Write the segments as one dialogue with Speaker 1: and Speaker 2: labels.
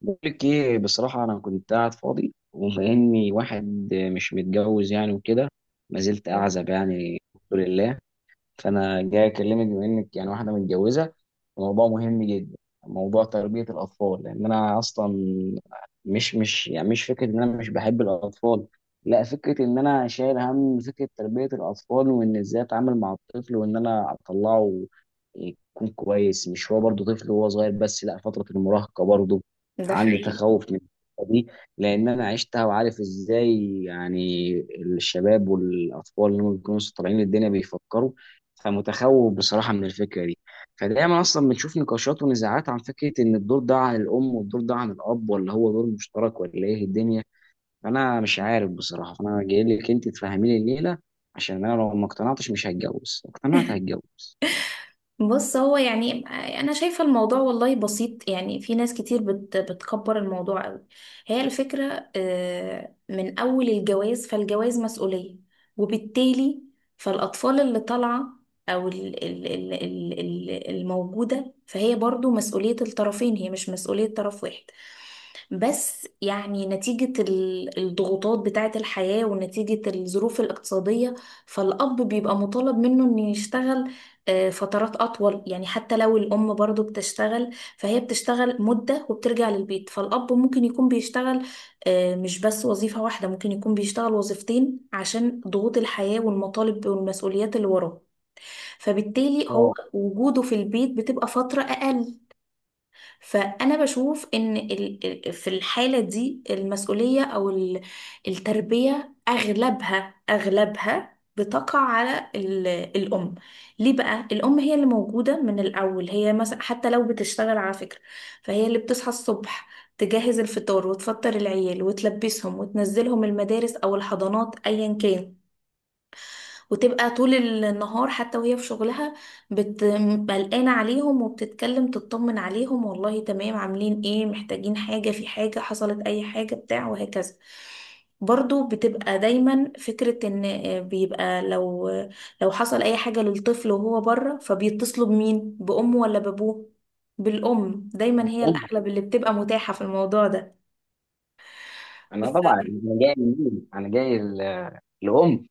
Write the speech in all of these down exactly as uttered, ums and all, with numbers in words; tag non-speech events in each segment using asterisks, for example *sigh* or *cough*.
Speaker 1: بقول لك ايه؟ بصراحة أنا كنت قاعد فاضي، وبما إني واحد مش متجوز يعني وكده. ما زلت أعزب يعني الحمد لله. فانا جاي اكلمك بما انك يعني واحده متجوزه. الموضوع مهم جدا، موضوع تربيه الاطفال. لان انا اصلا مش مش يعني مش فكره ان انا مش بحب الاطفال، لا، فكره ان انا شايل هم فكره تربيه الاطفال، وان ازاي اتعامل مع الطفل، وان انا اطلعه يكون كويس. مش هو برضه طفل وهو صغير بس، لا، فتره المراهقه برضه
Speaker 2: ده
Speaker 1: عندي
Speaker 2: حقيقي.
Speaker 1: تخوف من الحتة دي، لان انا عشتها وعارف ازاي يعني الشباب والاطفال اللي هم بيكونوا لسه طالعين الدنيا بيفكروا. فمتخوف بصراحة من الفكرة دي. فدايما أصلا بنشوف نقاشات ونزاعات عن فكرة إن الدور ده عن الأم والدور ده عن الأب، ولا هو دور مشترك، ولا إيه الدنيا. أنا مش عارف بصراحة، فأنا جاي لك أنت تفهمي لي الليلة، عشان أنا لو ما اقتنعتش مش هتجوز، لو اقتنعت هتجوز.
Speaker 2: بص، هو يعني انا شايفه الموضوع والله بسيط، يعني في ناس كتير بت بتكبر الموضوع قوي. هي الفكره آه، من اول الجواز، فالجواز مسؤوليه، وبالتالي فالاطفال اللي طالعه او ال- ال- ال- ال- ال- الموجوده، فهي برضو مسؤوليه الطرفين، هي مش مسؤوليه طرف واحد. بس يعني نتيجة ال- الضغوطات بتاعة الحياة ونتيجة الظروف الاقتصادية، فالأب بيبقى مطالب منه إنه يشتغل آه، فترات أطول، يعني حتى لو الأم برضو بتشتغل فهي بتشتغل مدة وبترجع للبيت، فالأب ممكن يكون بيشتغل آه، مش بس وظيفة واحدة، ممكن يكون بيشتغل وظيفتين عشان ضغوط الحياة والمطالب والمسؤوليات اللي وراه، فبالتالي هو
Speaker 1: اه،
Speaker 2: وجوده في البيت بتبقى فترة أقل. فأنا بشوف إن ال- ال- في الحالة دي المسؤولية أو ال- التربية أغلبها أغلبها بتقع على ال- الأم. ليه بقى؟ الأم هي اللي موجودة من الأول، هي مثلا حتى لو بتشتغل على فكرة، فهي اللي بتصحى الصبح، تجهز الفطار وتفطر العيال وتلبسهم وتنزلهم المدارس أو الحضانات أيا كان، وتبقى طول النهار حتى وهي في شغلها بت- قلقانة عليهم، وبتتكلم تطمن عليهم والله تمام، عاملين ايه، محتاجين حاجة، في حاجة حصلت، اي حاجة بتاع، وهكذا. برضو بتبقى دايما فكرة ان آه، بيبقى لو لو حصل اي حاجة للطفل وهو بره، فبيتصلوا بمين، بأمه ولا بأبوه؟ بالأم، دايما هي الأغلب اللي بتبقى متاحة في الموضوع ده.
Speaker 1: أنا طبعا أنا جاي من مين؟ أنا جاي ال- الأم.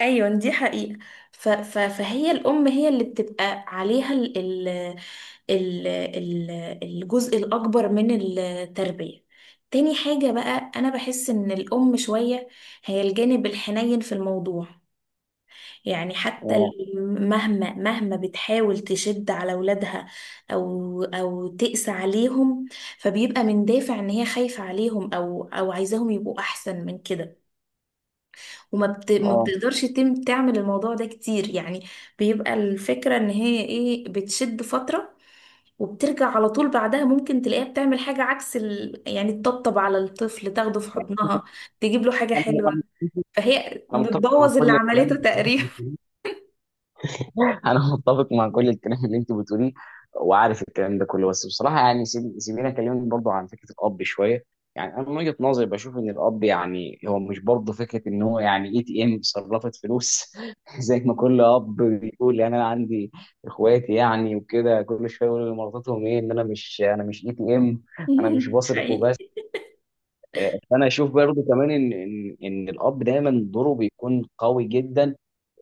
Speaker 2: ايوه، دي حقيقة. ف... ف... فهي الام هي اللي بتبقى عليها ال... ال... ال... ال... الجزء الاكبر من التربية. تاني حاجة بقى، انا بحس ان الام شوية هي الجانب الحنين في الموضوع، يعني حتى
Speaker 1: أه.
Speaker 2: الأم مهما مهما بتحاول تشد على ولادها او او تقسى عليهم، فبيبقى من دافع ان هي خايفة عليهم او او عايزاهم يبقوا احسن من كده، وما بت... ما
Speaker 1: أه.
Speaker 2: بتقدرش تم تعمل الموضوع ده كتير يعني. بيبقى الفكرة ان هي ايه بتشد فترة وبترجع على طول بعدها، ممكن تلاقيها بتعمل حاجة عكس ال... يعني تطبطب على الطفل، تاخده في حضنها، تجيب له حاجة
Speaker 1: أنا
Speaker 2: حلوة،
Speaker 1: أنا-
Speaker 2: فهي
Speaker 1: أنا متفق مع
Speaker 2: بتبوظ اللي
Speaker 1: كل
Speaker 2: عملته
Speaker 1: الكلام.
Speaker 2: تقريبا.
Speaker 1: *laughs* انا متفق مع كل الكلام اللي انت بتقوليه، وعارف الكلام ده كله. بس بصراحه يعني سيب- سيبيني اكلمك برضو عن فكره الاب شويه. يعني انا من وجهه نظري بشوف ان الاب يعني هو مش برضه فكره ان هو يعني اي تي ام صرفت فلوس. *laughs* زي ما كل اب بيقول، يعني انا عندي اخواتي يعني وكده كل شويه يقولوا لمراتهم ايه، ان انا مش انا مش اي تي ام. انا مش
Speaker 2: *laughs*
Speaker 1: بصرف وبس.
Speaker 2: حقيقي.
Speaker 1: آه، فانا اشوف برضو كمان ان ان ان الاب دايما دوره بيكون قوي جدا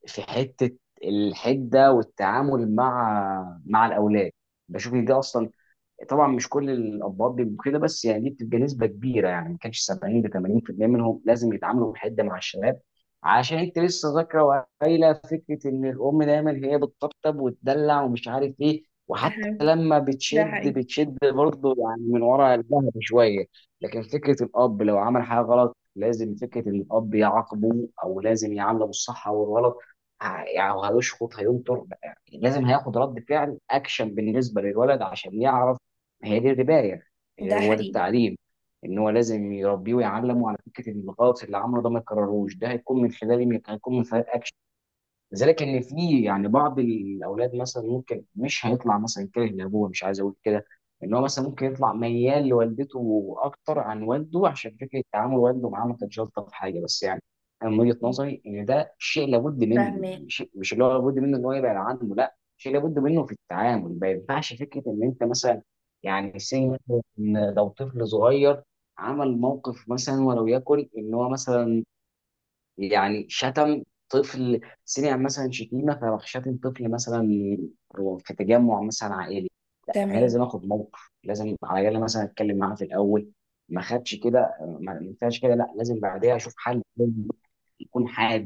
Speaker 1: في حته الحده والتعامل مع مع الاولاد. بشوف ان دي اصلا، طبعا مش كل الاباء بيبقوا كده، بس يعني دي بتبقى نسبه كبيره. يعني ما كانش سبعين ل ثمانين في المية منهم لازم يتعاملوا بحده مع الشباب، عشان انت لسه ذاكره وقايله فكره ان الام دايما هي بتطبطب وتدلع ومش عارف ايه،
Speaker 2: ده
Speaker 1: وحتى
Speaker 2: حقيقي.
Speaker 1: لما
Speaker 2: ده
Speaker 1: بتشد
Speaker 2: حقيقي.
Speaker 1: بتشد برضه يعني من ورا الظهر شويه. لكن فكره الاب لو عمل حاجه غلط، لازم فكره ان الاب يعاقبه، او لازم يعامله بالصح او الغلط. ه- يعني هيشخط هينطر، يعني لازم هياخد رد فعل اكشن بالنسبه للولد عشان يعرف هي دي الرباية، هي
Speaker 2: ده
Speaker 1: هو ده
Speaker 2: حقيقي.
Speaker 1: التعليم. ان هو لازم يربيه ويعلمه على فكره ان الغلط اللي عمله ده ما يكرروش. ده هيكون من خلال مين؟ هيكون من خلال، لذلك، ان في يعني بعض الاولاد مثلا ممكن مش هيطلع مثلا كاره لابوه، مش عايز اقول كده، ان هو مثلا ممكن يطلع ميال لوالدته اكتر عن والده، عشان فكره تعامل والده معاه ما كانتش الطف حاجه. بس يعني انا من وجهه نظري ان ده شيء لابد منه،
Speaker 2: فاهمة.
Speaker 1: يعني شيء مش اللي هو لابد منه ان هو يبعد عنه، لا شيء لابد منه في التعامل. ما ينفعش فكره ان انت مثلا يعني سي مثلا، إن لو طفل صغير عمل موقف مثلا ولو يكن ان هو مثلا يعني شتم، طفل سمع مثلا شتيمه فراح شتم طفل مثلا في تجمع مثلا عائلي، لا انا
Speaker 2: تمام.
Speaker 1: لازم اخد موقف. لازم على الاقل مثلا اتكلم معاه في الاول، ما خدش كده. ما ما ينفعش كده، لا، لازم بعدها اشوف حل لازم يكون حاد،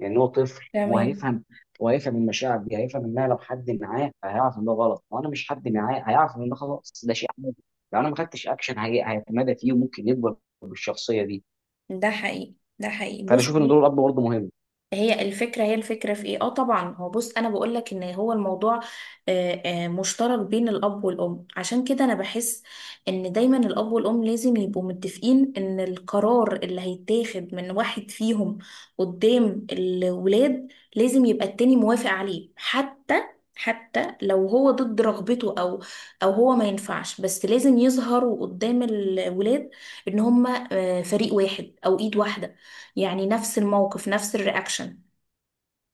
Speaker 1: لان هو طفل هو
Speaker 2: تمام.
Speaker 1: هيفهم. هو هيفهم المشاعر دي، هيفهم انها لو حد معاه هيعرف ان ده غلط، وانا مش حد معاه هيعرف ان ده خلاص ده شيء عادي. لو انا ما خدتش اكشن، هي- هيتمادى فيه وممكن يكبر بالشخصيه دي.
Speaker 2: ده حقيقي. ده حقيقي.
Speaker 1: فانا
Speaker 2: بص،
Speaker 1: اشوف ان دور الاب برضه مهم.
Speaker 2: هي الفكرة هي الفكرة في ايه؟ اه طبعا، هو بص انا بقول لك ان هو الموضوع آه، آه، مشترك بين الاب والام، عشان كده انا بحس ان دايما الاب والام لازم يبقوا متفقين ان القرار اللي هيتاخد من واحد فيهم قدام الولاد لازم يبقى التاني موافق عليه، حتى حتى لو هو ضد رغبته او او هو ما ينفعش، بس لازم يظهروا قدام الولاد ان هما آه، فريق واحد او ايد واحدة، يعني نفس الموقف نفس الرياكشن،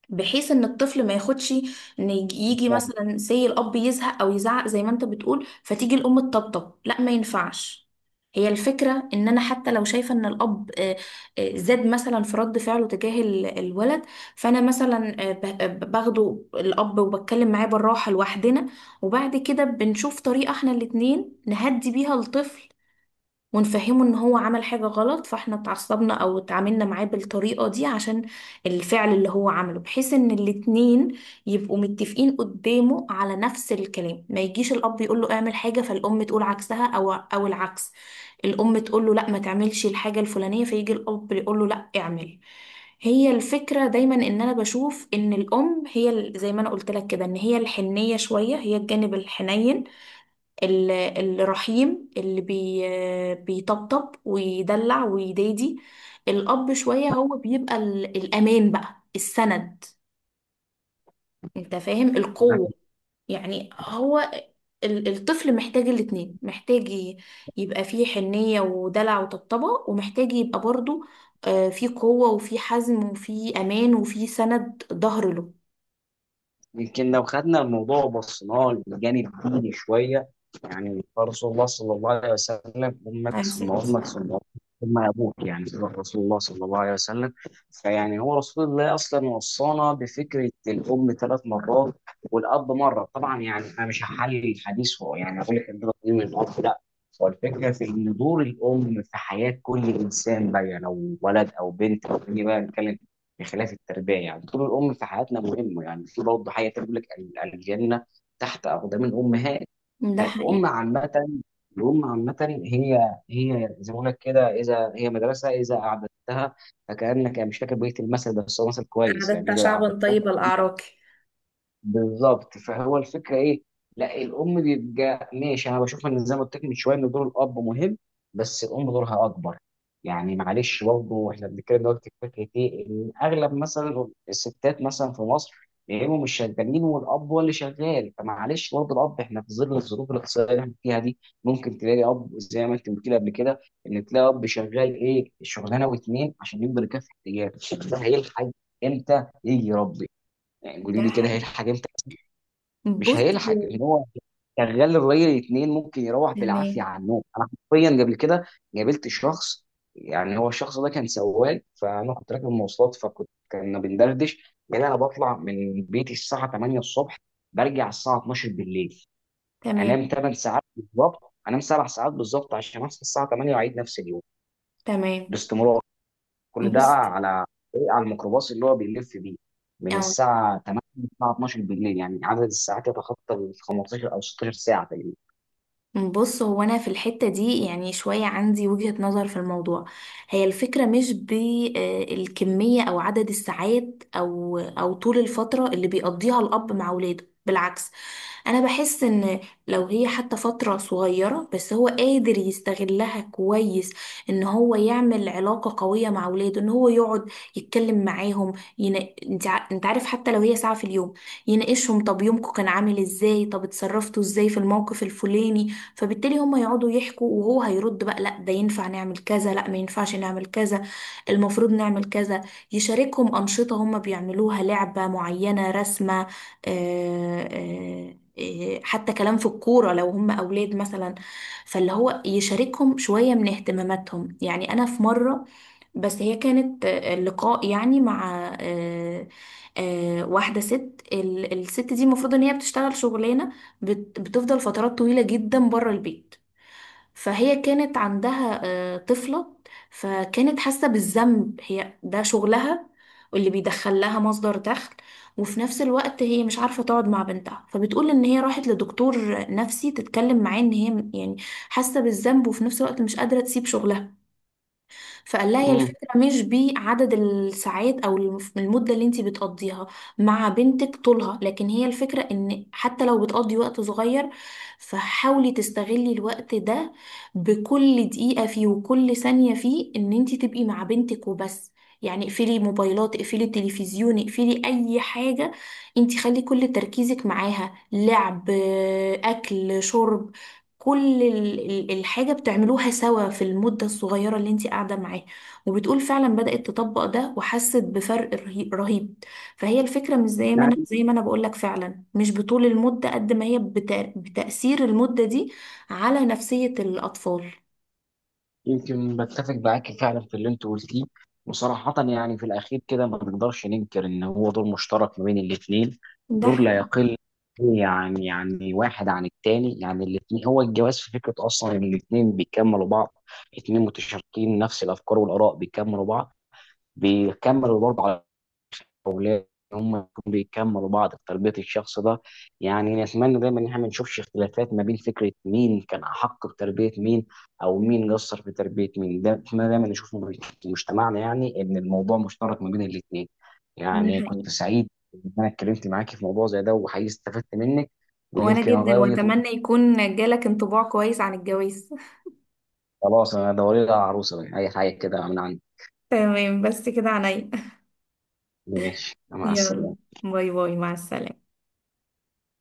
Speaker 2: بحيث ان الطفل ما ياخدش ان يجي يجي مثلا سي الاب يزهق او يزعق زي ما انت بتقول، فتيجي الام تطبطب، لا ما ينفعش. هي الفكرة ان انا حتى لو شايفة ان الاب آه، آه، زاد مثلا في رد فعله تجاه ال- الولد، فانا مثلا آه، ب- آه، ب- باخده الاب وبتكلم معاه بالراحة لوحدنا، وبعد كده بنشوف طريقة احنا الاتنين نهدي بيها الطفل ونفهمه ان هو عمل حاجة غلط، فاحنا اتعصبنا او اتعاملنا معاه بالطريقة دي عشان الفعل اللي هو عمله، بحيث ان الاتنين يبقوا متفقين قدامه على نفس الكلام، ما يجيش الاب يقول له اعمل حاجة فالام تقول عكسها او او العكس، الام تقول له لا ما تعملش الحاجة الفلانية فيجي الاب يقول له لا اعمل. هي الفكرة دايما ان انا بشوف ان الام هي ال- زي ما انا قلت لك كده ان هي الحنية شوية، هي الجانب الحنين ال- الرحيم اللي بي بيطبطب ويدلع ويدادي. الأب شوية هو بيبقى ال- الأمان بقى، السند، انت فاهم؟ القوة، يعني هو ال- الطفل محتاج الاتنين، محتاج ي- يبقى فيه حنية ودلع وطبطبة، ومحتاج يبقى برضو آه، فيه قوة وفيه حزم وفيه أمان وفيه سند ظهر له.
Speaker 1: يمكن لو خدنا الموضوع وبصيناه للجانب الديني شويه. يعني رسول الله صلى الله عليه وسلم، امك
Speaker 2: عايزة
Speaker 1: ثم امك
Speaker 2: تسلم.
Speaker 1: ثم أمك ثم ابوك. يعني ده رسول الله صلى الله عليه وسلم، فيعني هو رسول الله اصلا وصانا بفكره الام ثلاث مرات والاب مره. طبعا يعني انا مش هحلل الحديث، هو يعني اقول لك ان ده تقييم الاب، لا. هو الفكره في ان دور الام في حياه كل انسان بقى، يعني لو ولد او بنت، او بني بقى نتكلم بخلاف التربيه. يعني دور الام في حياتنا مهم، يعني في برضه حاجه تقول لك ال- الجنه تحت اقدام الامهات.
Speaker 2: ده
Speaker 1: فالام
Speaker 2: حقيقي.
Speaker 1: عامه، الام عامه هي، هي زي ما بقول لك كده، اذا هي مدرسه اذا اعددتها، فكانك، يعني مش فاكر بقيه المثل، بس هو مثل كويس، يعني
Speaker 2: أعددت
Speaker 1: اذا
Speaker 2: شعبا
Speaker 1: اعددتها.
Speaker 2: طيب الأعراق.
Speaker 1: بالظبط، فهو الفكره ايه؟ لا الام بيبقى ماشي، انا بشوف ان زي ما قلت لك من شويه ان دور الاب مهم، بس الام دورها اكبر. يعني معلش برضه احنا بنتكلم دلوقتي في فكره ايه، ان اغلب مثلا الستات مثلا في مصر يا اما مش شغالين والاب هو اللي شغال، فمعلش برضه الاب احنا في ظل الظروف الاقتصاديه اللي احنا فيها دي ممكن تلاقي اب زي ما انت قلت لي قبل كده، ان تلاقي اب شغال ايه، شغلانه واتنين عشان يقدر يكفي احتياجاته، ده هيلحق امتى يجي يربي؟ يعني
Speaker 2: ده
Speaker 1: قولي لي كده
Speaker 2: حقيقي.
Speaker 1: هيلحق امتى؟ مش
Speaker 2: بص.
Speaker 1: هيلحق. ان هو شغال الراجل اتنين ممكن يروح بالعافيه
Speaker 2: تمام.
Speaker 1: على النوم. انا حرفيا قبل كده قابلت شخص، يعني هو الشخص ده كان سواق، فانا كنت راكب مواصلات فكنت كنا بندردش. قال انا بطلع من بيتي الساعه تمانية الصبح، برجع الساعه اتناشر بالليل،
Speaker 2: تمام.
Speaker 1: انام ثماني ساعات بالظبط، انام سبع ساعات بالظبط عشان اصحى الساعه تمانية واعيد نفس اليوم
Speaker 2: تمام.
Speaker 1: باستمرار. كل ده
Speaker 2: بص،
Speaker 1: على إيه؟ على الميكروباص اللي هو بيلف بيه من
Speaker 2: أو
Speaker 1: الساعة تمانية للساعة اتناشر بالليل، يعني عدد الساعات يتخطى ال خمسة عشر أو ستاشر ساعة تقريبا.
Speaker 2: بص، هو أنا في الحتة دي يعني شوية عندي وجهة نظر في الموضوع، هي الفكرة مش بالكمية أو عدد الساعات أو أو طول الفترة اللي بيقضيها الأب مع ولاده، بالعكس، انا بحس ان لو هي حتى فترة صغيرة بس هو قادر يستغلها كويس ان هو يعمل علاقة قوية مع اولاده، ان هو يقعد يتكلم معاهم، ين... انت ع- انت عارف حتى لو هي ساعة في اليوم يناقشهم، طب يومكم كان عامل ازاي، طب اتصرفتوا ازاي في الموقف الفلاني، فبالتالي هم يقعدوا يحكوا وهو هيرد بقى لا ده ينفع نعمل كذا، لا ما ينفعش نعمل كذا، المفروض نعمل كذا. يشاركهم أنشطة هم بيعملوها، لعبة معينة، رسمة، إيه، حتى كلام في الكورة لو هم أولاد مثلا، فاللي هو يشاركهم شوية من اهتماماتهم، يعني أنا في مرة، بس هي كانت آه، لقاء يعني مع آه، آه، واحدة ست، ال- الست دي المفروض إن هي بتشتغل شغلانة بت- بتفضل فترات طويلة جدا بره البيت، فهي كانت عندها آه، طفلة، فكانت حاسة بالذنب، هي ده شغلها واللي بيدخل لها مصدر دخل، وفي نفس الوقت هي مش عارفة تقعد مع بنتها، فبتقول ان هي راحت لدكتور نفسي تتكلم معاه ان هي يعني حاسة بالذنب وفي نفس الوقت مش قادرة تسيب شغلها. فقال لها هي
Speaker 1: امم
Speaker 2: الفكرة مش بعدد الساعات أو الف- المدة اللي انتي بتقضيها مع بنتك طولها، لكن هي الفكرة ان حتى لو بتقضي وقت صغير فحاولي تستغلي الوقت ده بكل دقيقة فيه وكل ثانية فيه ان انتي تبقي مع بنتك وبس، يعني اقفلي موبايلات، اقفلي التلفزيون، اقفلي اي حاجة، انتي خلي كل تركيزك معاها، لعب، اكل، شرب، كل ال- ال- الحاجة بتعملوها سوا في المدة الصغيرة اللي انت قاعدة معاه، وبتقول فعلا بدأت تطبق ده وحست بفرق رهي- رهيب. فهي الفكرة مش زي ما انا
Speaker 1: يعني
Speaker 2: زي ما انا بقولك فعلا مش بطول المدة قد ما هي بتا- بتأثير المدة دي على نفسية الأطفال.
Speaker 1: يمكن بتفق معاك فعلا في اللي أنت قلتيه. وصراحة يعني في الأخير كده ما نقدرش ننكر إن هو دور مشترك ما بين الاتنين،
Speaker 2: ده
Speaker 1: دور لا
Speaker 2: حقيقي.
Speaker 1: يقل يعني يعني واحد عن التاني. يعني الاتنين هو الجواز في فكرة أصلا إن الاتنين بيكملوا بعض، اتنين متشاركين نفس الأفكار والآراء بيكملوا بعض، بيكملوا برضه على، وليه هم يكونوا بيكملوا بعض في تربية الشخص ده. يعني نتمنى دايما ان احنا ما نشوفش اختلافات ما بين فكرة مين كان أحق بتربية مين، أو مين قصر في تربية مين، ده نتمنى دايما نشوفه في مجتمعنا، يعني إن الموضوع مشترك ما بين الاتنين.
Speaker 2: ده
Speaker 1: يعني
Speaker 2: حقيقي.
Speaker 1: كنت سعيد إن أنا اتكلمت معاكي في موضوع زي ده، وحقيقي استفدت منك،
Speaker 2: وانا
Speaker 1: ويمكن أغير
Speaker 2: جدا،
Speaker 1: وجهة نظري.
Speaker 2: واتمنى يكون جالك انطباع كويس عن الجواز. *laughs*
Speaker 1: خلاص أنا دوري لها عروسة أي حاجة كده من عندي.
Speaker 2: تمام، بس كده عنيا.
Speaker 1: ماشي مع
Speaker 2: يلا،
Speaker 1: السلامة.
Speaker 2: باي باي، مع السلامة.